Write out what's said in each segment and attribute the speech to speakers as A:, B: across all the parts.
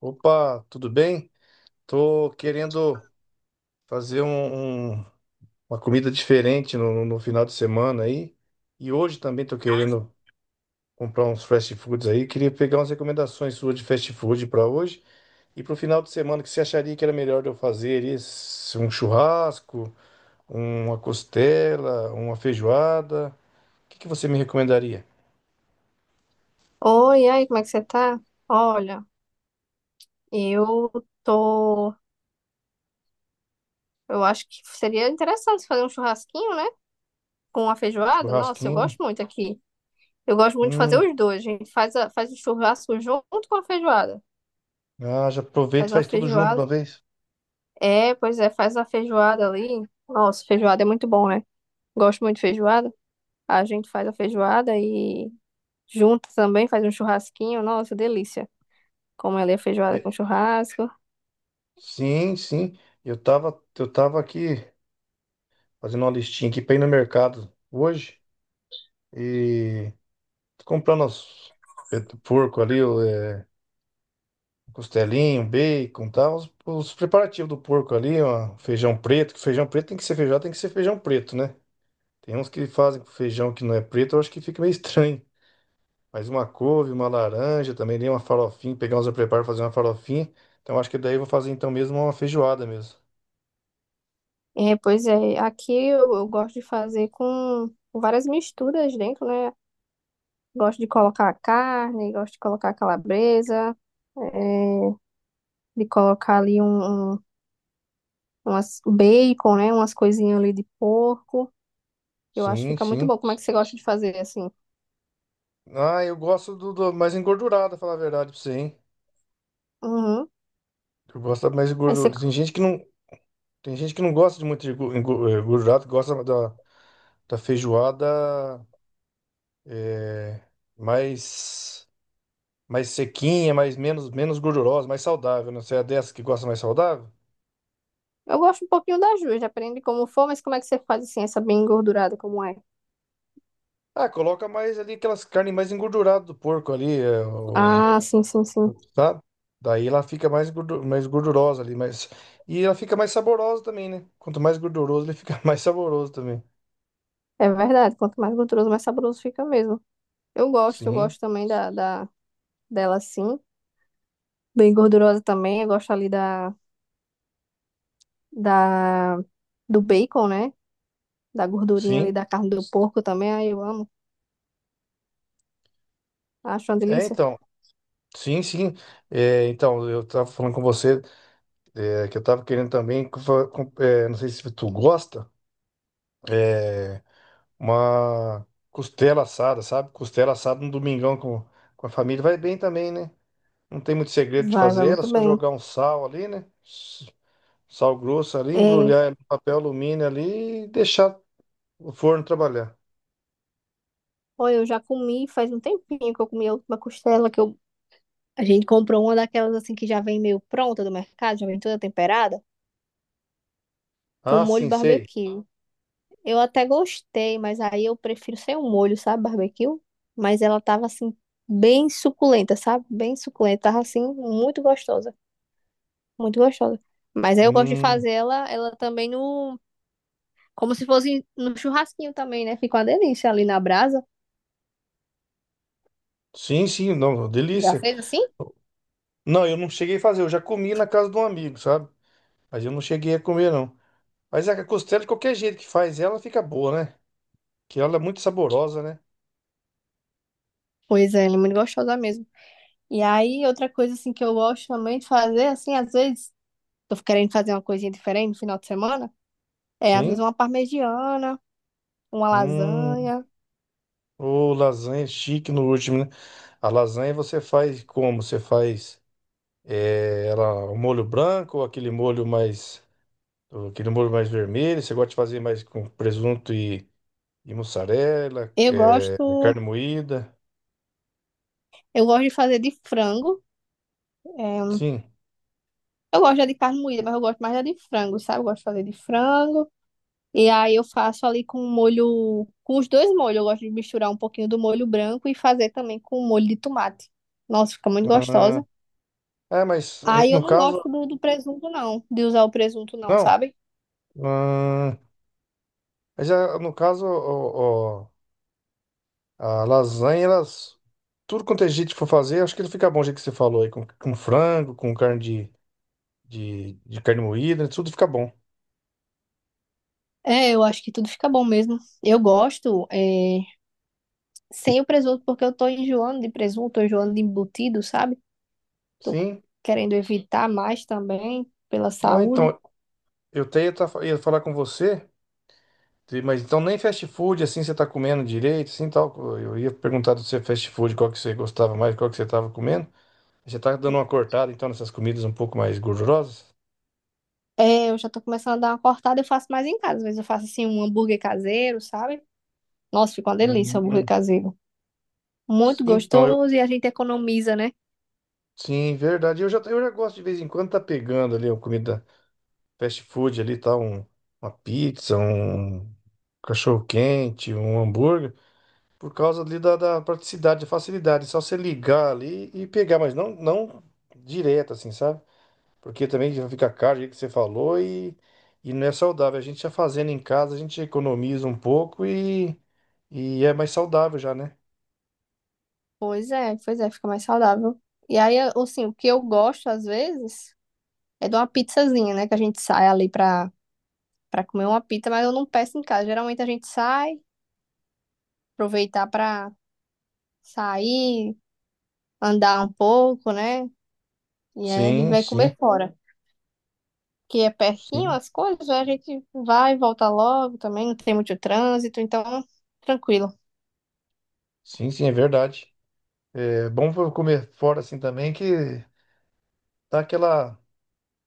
A: Opa, tudo bem? Tô querendo fazer uma comida diferente no final de semana aí. E hoje também tô querendo comprar uns fast foods aí. Queria pegar umas recomendações suas de fast food para hoje e para o final de semana. O que você acharia que era melhor de eu fazer aí? Um churrasco, uma costela, uma feijoada? O que que você me recomendaria?
B: Oi, e aí, como é que você tá? Olha, eu tô. Eu acho que seria interessante fazer um churrasquinho, né? Com a feijoada. Nossa, eu
A: Churrasquinho?
B: gosto muito aqui. Eu gosto muito de fazer
A: Hum,
B: os dois. A gente faz, faz o churrasco junto com a feijoada.
A: ah, já aproveita
B: Faz
A: e
B: uma
A: faz tudo junto de uma
B: feijoada.
A: vez.
B: É, pois é, faz a feijoada ali. Nossa, feijoada é muito bom, né? Gosto muito de feijoada. A gente faz a feijoada e junto também faz um churrasquinho. Nossa, delícia. Como ela é feijoada
A: É,
B: com churrasco.
A: sim, sim. Eu tava aqui, fazendo uma listinha aqui pra ir no mercado hoje e tô comprando os peito do porco ali, o é, costelinho, bacon tal, os preparativos do porco ali, ó, feijão preto, que feijão preto tem que ser feijão, tem que ser feijão preto, né? Tem uns que fazem com feijão que não é preto, eu acho que fica meio estranho. Mas uma couve, uma laranja, também nem uma farofinha, pegar uns eu preparo fazer uma farofinha. Então acho que daí eu vou fazer então mesmo uma feijoada mesmo.
B: É, pois é, aqui eu gosto de fazer com várias misturas dentro, né? Gosto de colocar carne, gosto de colocar calabresa, é, de colocar ali um, um umas um bacon, né? Umas coisinhas ali de porco. Eu acho que
A: Sim,
B: fica muito
A: sim.
B: bom. Como é que você gosta de fazer assim?
A: Ah, eu gosto do mais engordurada, falar a verdade pra você, hein?
B: Uhum.
A: Eu gosto mais de
B: Aí você,
A: gordura. Tem gente que não, tem gente que não gosta de muito de gordurado, gosta da feijoada eh, mais, mais sequinha, mais menos, menos gordurosa, mais saudável. Não sei, é dessa que gosta mais saudável?
B: eu gosto um pouquinho das duas, depende de como for, mas como é que você faz assim, essa bem engordurada, como é?
A: Ah, coloca mais ali aquelas carnes mais engorduradas do porco ali,
B: Ah, sim, sim, sim.
A: sabe? Daí ela fica mais, mais gordurosa ali, mas e ela fica mais saborosa também, né? Quanto mais gorduroso, ele fica mais saboroso também.
B: É verdade. Quanto mais gorduroso, mais saboroso fica mesmo. Eu
A: Sim,
B: gosto também da dela assim. Bem gordurosa também. Eu gosto ali da, do bacon, né? Da gordurinha ali
A: sim.
B: da carne do porco também. Aí eu amo. Acho uma
A: É,
B: delícia.
A: então. Sim, sim. É, então, eu tava falando com você, é, que eu tava querendo também, não sei se tu gosta, é, uma costela assada, sabe? Costela assada no domingão com a família. Vai bem também, né? Não tem muito segredo de
B: Vai, vai
A: fazer ela,
B: muito
A: só
B: bem.
A: jogar um sal ali, né? Sal grosso ali,
B: É,
A: embrulhar ela no papel alumínio ali e deixar o forno trabalhar.
B: olha, eu já comi faz um tempinho que eu comi a última costela que a gente comprou uma daquelas assim que já vem meio pronta do mercado, já vem toda temperada, com
A: Ah,
B: molho
A: sim, sei.
B: barbecue. Eu até gostei, mas aí eu prefiro sem o molho, sabe, barbecue? Mas ela tava assim, bem suculenta, sabe? Bem suculenta. Tava assim, muito gostosa. Muito gostosa. Mas aí eu gosto de
A: Hum,
B: fazer ela também como se fosse no churrasquinho também, né? Fica uma delícia ali na brasa.
A: sim, sim, não,
B: Já
A: delícia.
B: fez assim?
A: Não, eu não cheguei a fazer, eu já comi na casa de um amigo, sabe? Mas eu não cheguei a comer, não. Mas a costela, de qualquer jeito que faz ela, fica boa, né? Que ela é muito saborosa, né?
B: Pois é, ela é muito gostosa mesmo. E aí, outra coisa assim que eu gosto também de fazer, assim, às vezes, tô querendo fazer uma coisinha diferente no final de semana, é às vezes
A: Sim.
B: uma parmegiana, uma
A: Hum,
B: lasanha.
A: ô, lasanha chique no último, né? A lasanha você faz como? Você faz é, ela, o molho branco, ou aquele molho mais, ou aquele molho mais vermelho. Você gosta de fazer mais e mussarela,
B: Eu
A: é,
B: gosto,
A: carne moída?
B: eu gosto de fazer de frango. É,
A: Sim.
B: eu gosto já de carne moída, mas eu gosto mais da de frango, sabe? Eu gosto de fazer de frango. E aí eu faço ali com o molho, com os dois molhos. Eu gosto de misturar um pouquinho do molho branco e fazer também com o molho de tomate. Nossa, fica muito
A: Ah,
B: gostosa.
A: é, mas ah,
B: Aí eu
A: no
B: não
A: caso,
B: gosto do presunto, não, de usar o presunto, não,
A: não.
B: sabe?
A: Ah, mas ah, no caso, ó, ó, a lasanha, elas. Tudo quanto é jeito que for fazer, acho que ele fica bom, o jeito que você falou aí, com frango, com carne de carne moída, né, tudo fica bom.
B: É, eu acho que tudo fica bom mesmo. Eu gosto, é, sem o presunto, porque eu tô enjoando de presunto, tô enjoando de embutido, sabe? Tô
A: Sim.
B: querendo evitar mais também, pela
A: Ah,
B: saúde.
A: então, eu até ia, tá- ia falar com você, mas então nem fast food, assim, você tá comendo direito, assim, tal. Eu ia perguntar do seu fast food, qual que você gostava mais, qual que você tava comendo. Você tá dando uma cortada, então, nessas comidas um pouco mais gordurosas?
B: É, eu já tô começando a dar uma cortada, eu faço mais em casa. Às vezes eu faço assim um hambúrguer caseiro, sabe? Nossa, fica uma delícia o hambúrguer
A: Hum.
B: caseiro. Muito
A: Então, eu...
B: gostoso e a gente economiza, né?
A: Sim, verdade. Eu já gosto de vez em quando tá pegando ali a comida fast food ali, tá? Uma pizza, um cachorro-quente, um hambúrguer, por causa ali da praticidade, da facilidade. É só você ligar ali e pegar, mas não direto, assim, sabe? Porque também já fica caro, o que você falou, e não é saudável. A gente já fazendo em casa, a gente economiza um pouco e é mais saudável já, né?
B: Pois é, fica mais saudável. E aí, assim, o que eu gosto às vezes é de uma pizzazinha, né? Que a gente sai ali pra comer uma pizza, mas eu não peço em casa. Geralmente a gente sai, aproveitar pra sair, andar um pouco, né? E aí a gente
A: Sim,
B: vai
A: sim,
B: comer fora. Que é pertinho
A: sim,
B: as coisas, né? A gente vai e volta logo também, não tem muito trânsito, então tranquilo.
A: sim, sim, é verdade. É bom comer fora assim também, que dá aquela.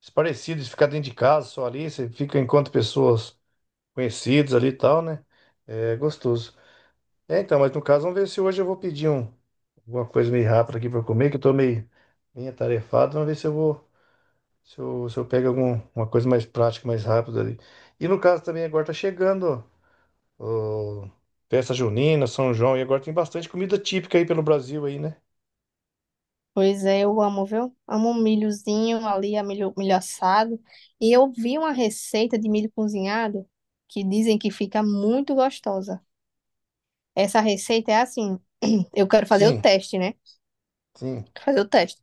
A: Os parecidos, de ficar dentro de casa só ali, você fica enquanto pessoas conhecidas ali e tal, né? É gostoso. É, então, mas no caso, vamos ver se hoje eu vou pedir alguma coisa meio rápida aqui pra eu comer, que eu tô meio, meio atarefado. Vamos ver se eu vou, se eu pego algum, uma coisa mais prática, mais rápida ali. E no caso também, agora tá chegando ó, festa junina, São João, e agora tem bastante comida típica aí pelo Brasil aí, né?
B: Pois é, eu amo, viu? Amo um milhozinho ali, milho assado. E eu vi uma receita de milho cozinhado que dizem que fica muito gostosa. Essa receita é assim, eu quero fazer o
A: Sim,
B: teste, né?
A: sim,
B: Quero fazer o teste.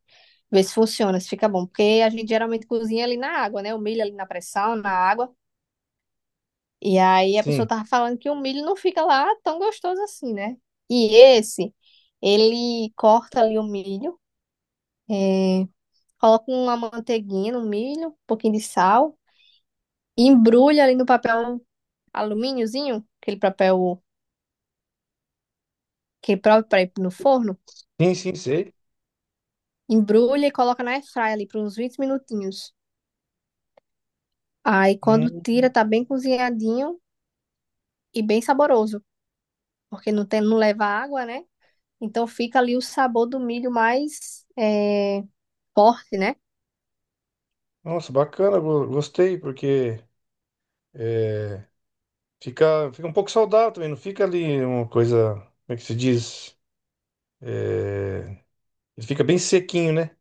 B: Ver se funciona, se fica bom. Porque a gente geralmente cozinha ali na água, né? O milho ali na pressão, na água. E aí a pessoa
A: sim.
B: tava falando que o milho não fica lá tão gostoso assim, né? E esse, ele corta ali o milho. é, Coloca uma manteiguinha, um milho, um pouquinho de sal. E embrulha ali no papel alumíniozinho, aquele papel que é próprio para ir no forno.
A: Sim, sim, sei.
B: Embrulha e coloca na airfryer ali por uns 20 minutinhos. Aí quando
A: Hum,
B: tira, tá bem cozinhadinho e bem saboroso. Porque não tem, não leva água, né? Então fica ali o sabor do milho mais forte, né?
A: nossa, bacana, gostei, porque fica, fica um pouco saudável também, não fica ali uma coisa, como é que se diz? Ele fica bem sequinho, né?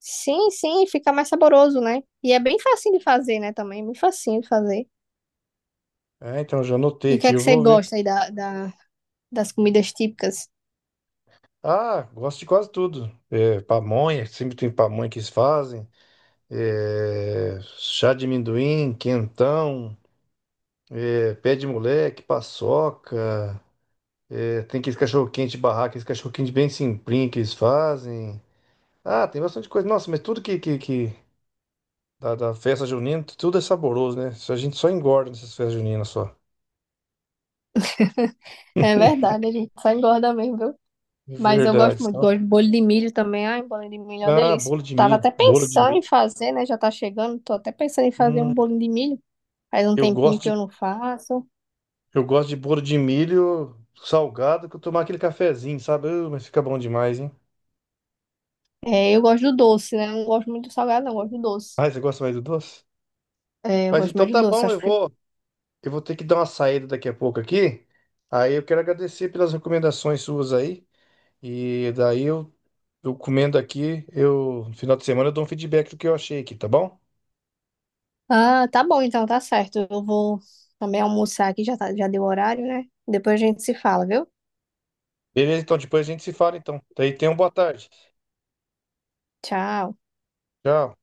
B: Sim, sim, fica mais saboroso, né? E é bem facinho de fazer, né? Também, é bem facinho de fazer.
A: É, então já anotei
B: E o que
A: aqui,
B: é
A: eu
B: que você
A: vou ver.
B: gosta aí das comidas típicas?
A: Ah, gosto de quase tudo. É, pamonha, sempre tem pamonha que eles fazem. É, chá de amendoim, quentão, é, pé de moleque, paçoca. É, tem aqueles cachorro-quente de barraca, aqueles cachorro-quente bem simplinho que eles fazem. Ah, tem bastante coisa. Nossa, mas tudo que da, da festa junina, tudo é saboroso, né? Isso, a gente só engorda nessas festas juninas só.
B: É verdade, a gente só engorda mesmo, viu? Mas eu
A: Verdade.
B: gosto muito,
A: Só.
B: gosto de bolho de milho também. Ai, bolho de milho é uma
A: Ah,
B: delícia.
A: bolo de
B: Tava
A: milho.
B: até
A: Bolo de
B: pensando em
A: milho.
B: fazer, né? Já tá chegando, tô até pensando em fazer um
A: Hum,
B: bolinho de milho. Faz um
A: eu
B: tempinho que
A: gosto
B: eu
A: de,
B: não faço.
A: eu gosto de bolo de milho salgado que eu tomar aquele cafezinho, sabe? Mas fica bom demais, hein?
B: É, eu gosto do doce, né? Eu não gosto muito do salgado, não, eu gosto do doce.
A: Ah, você gosta mais do doce?
B: É, eu
A: Mas
B: gosto
A: então
B: mais do
A: tá
B: doce,
A: bom,
B: acho que fica.
A: eu vou ter que dar uma saída daqui a pouco aqui. Aí eu quero agradecer pelas recomendações suas aí. E eu comendo aqui, eu, no final de semana eu dou um feedback do que eu achei aqui, tá bom?
B: Ah, tá bom, então tá certo. Eu vou também almoçar aqui, já, tá, já deu o horário, né? Depois a gente se fala, viu?
A: Beleza, então depois a gente se fala então. Daí tenha uma boa tarde.
B: Tchau.
A: Tchau.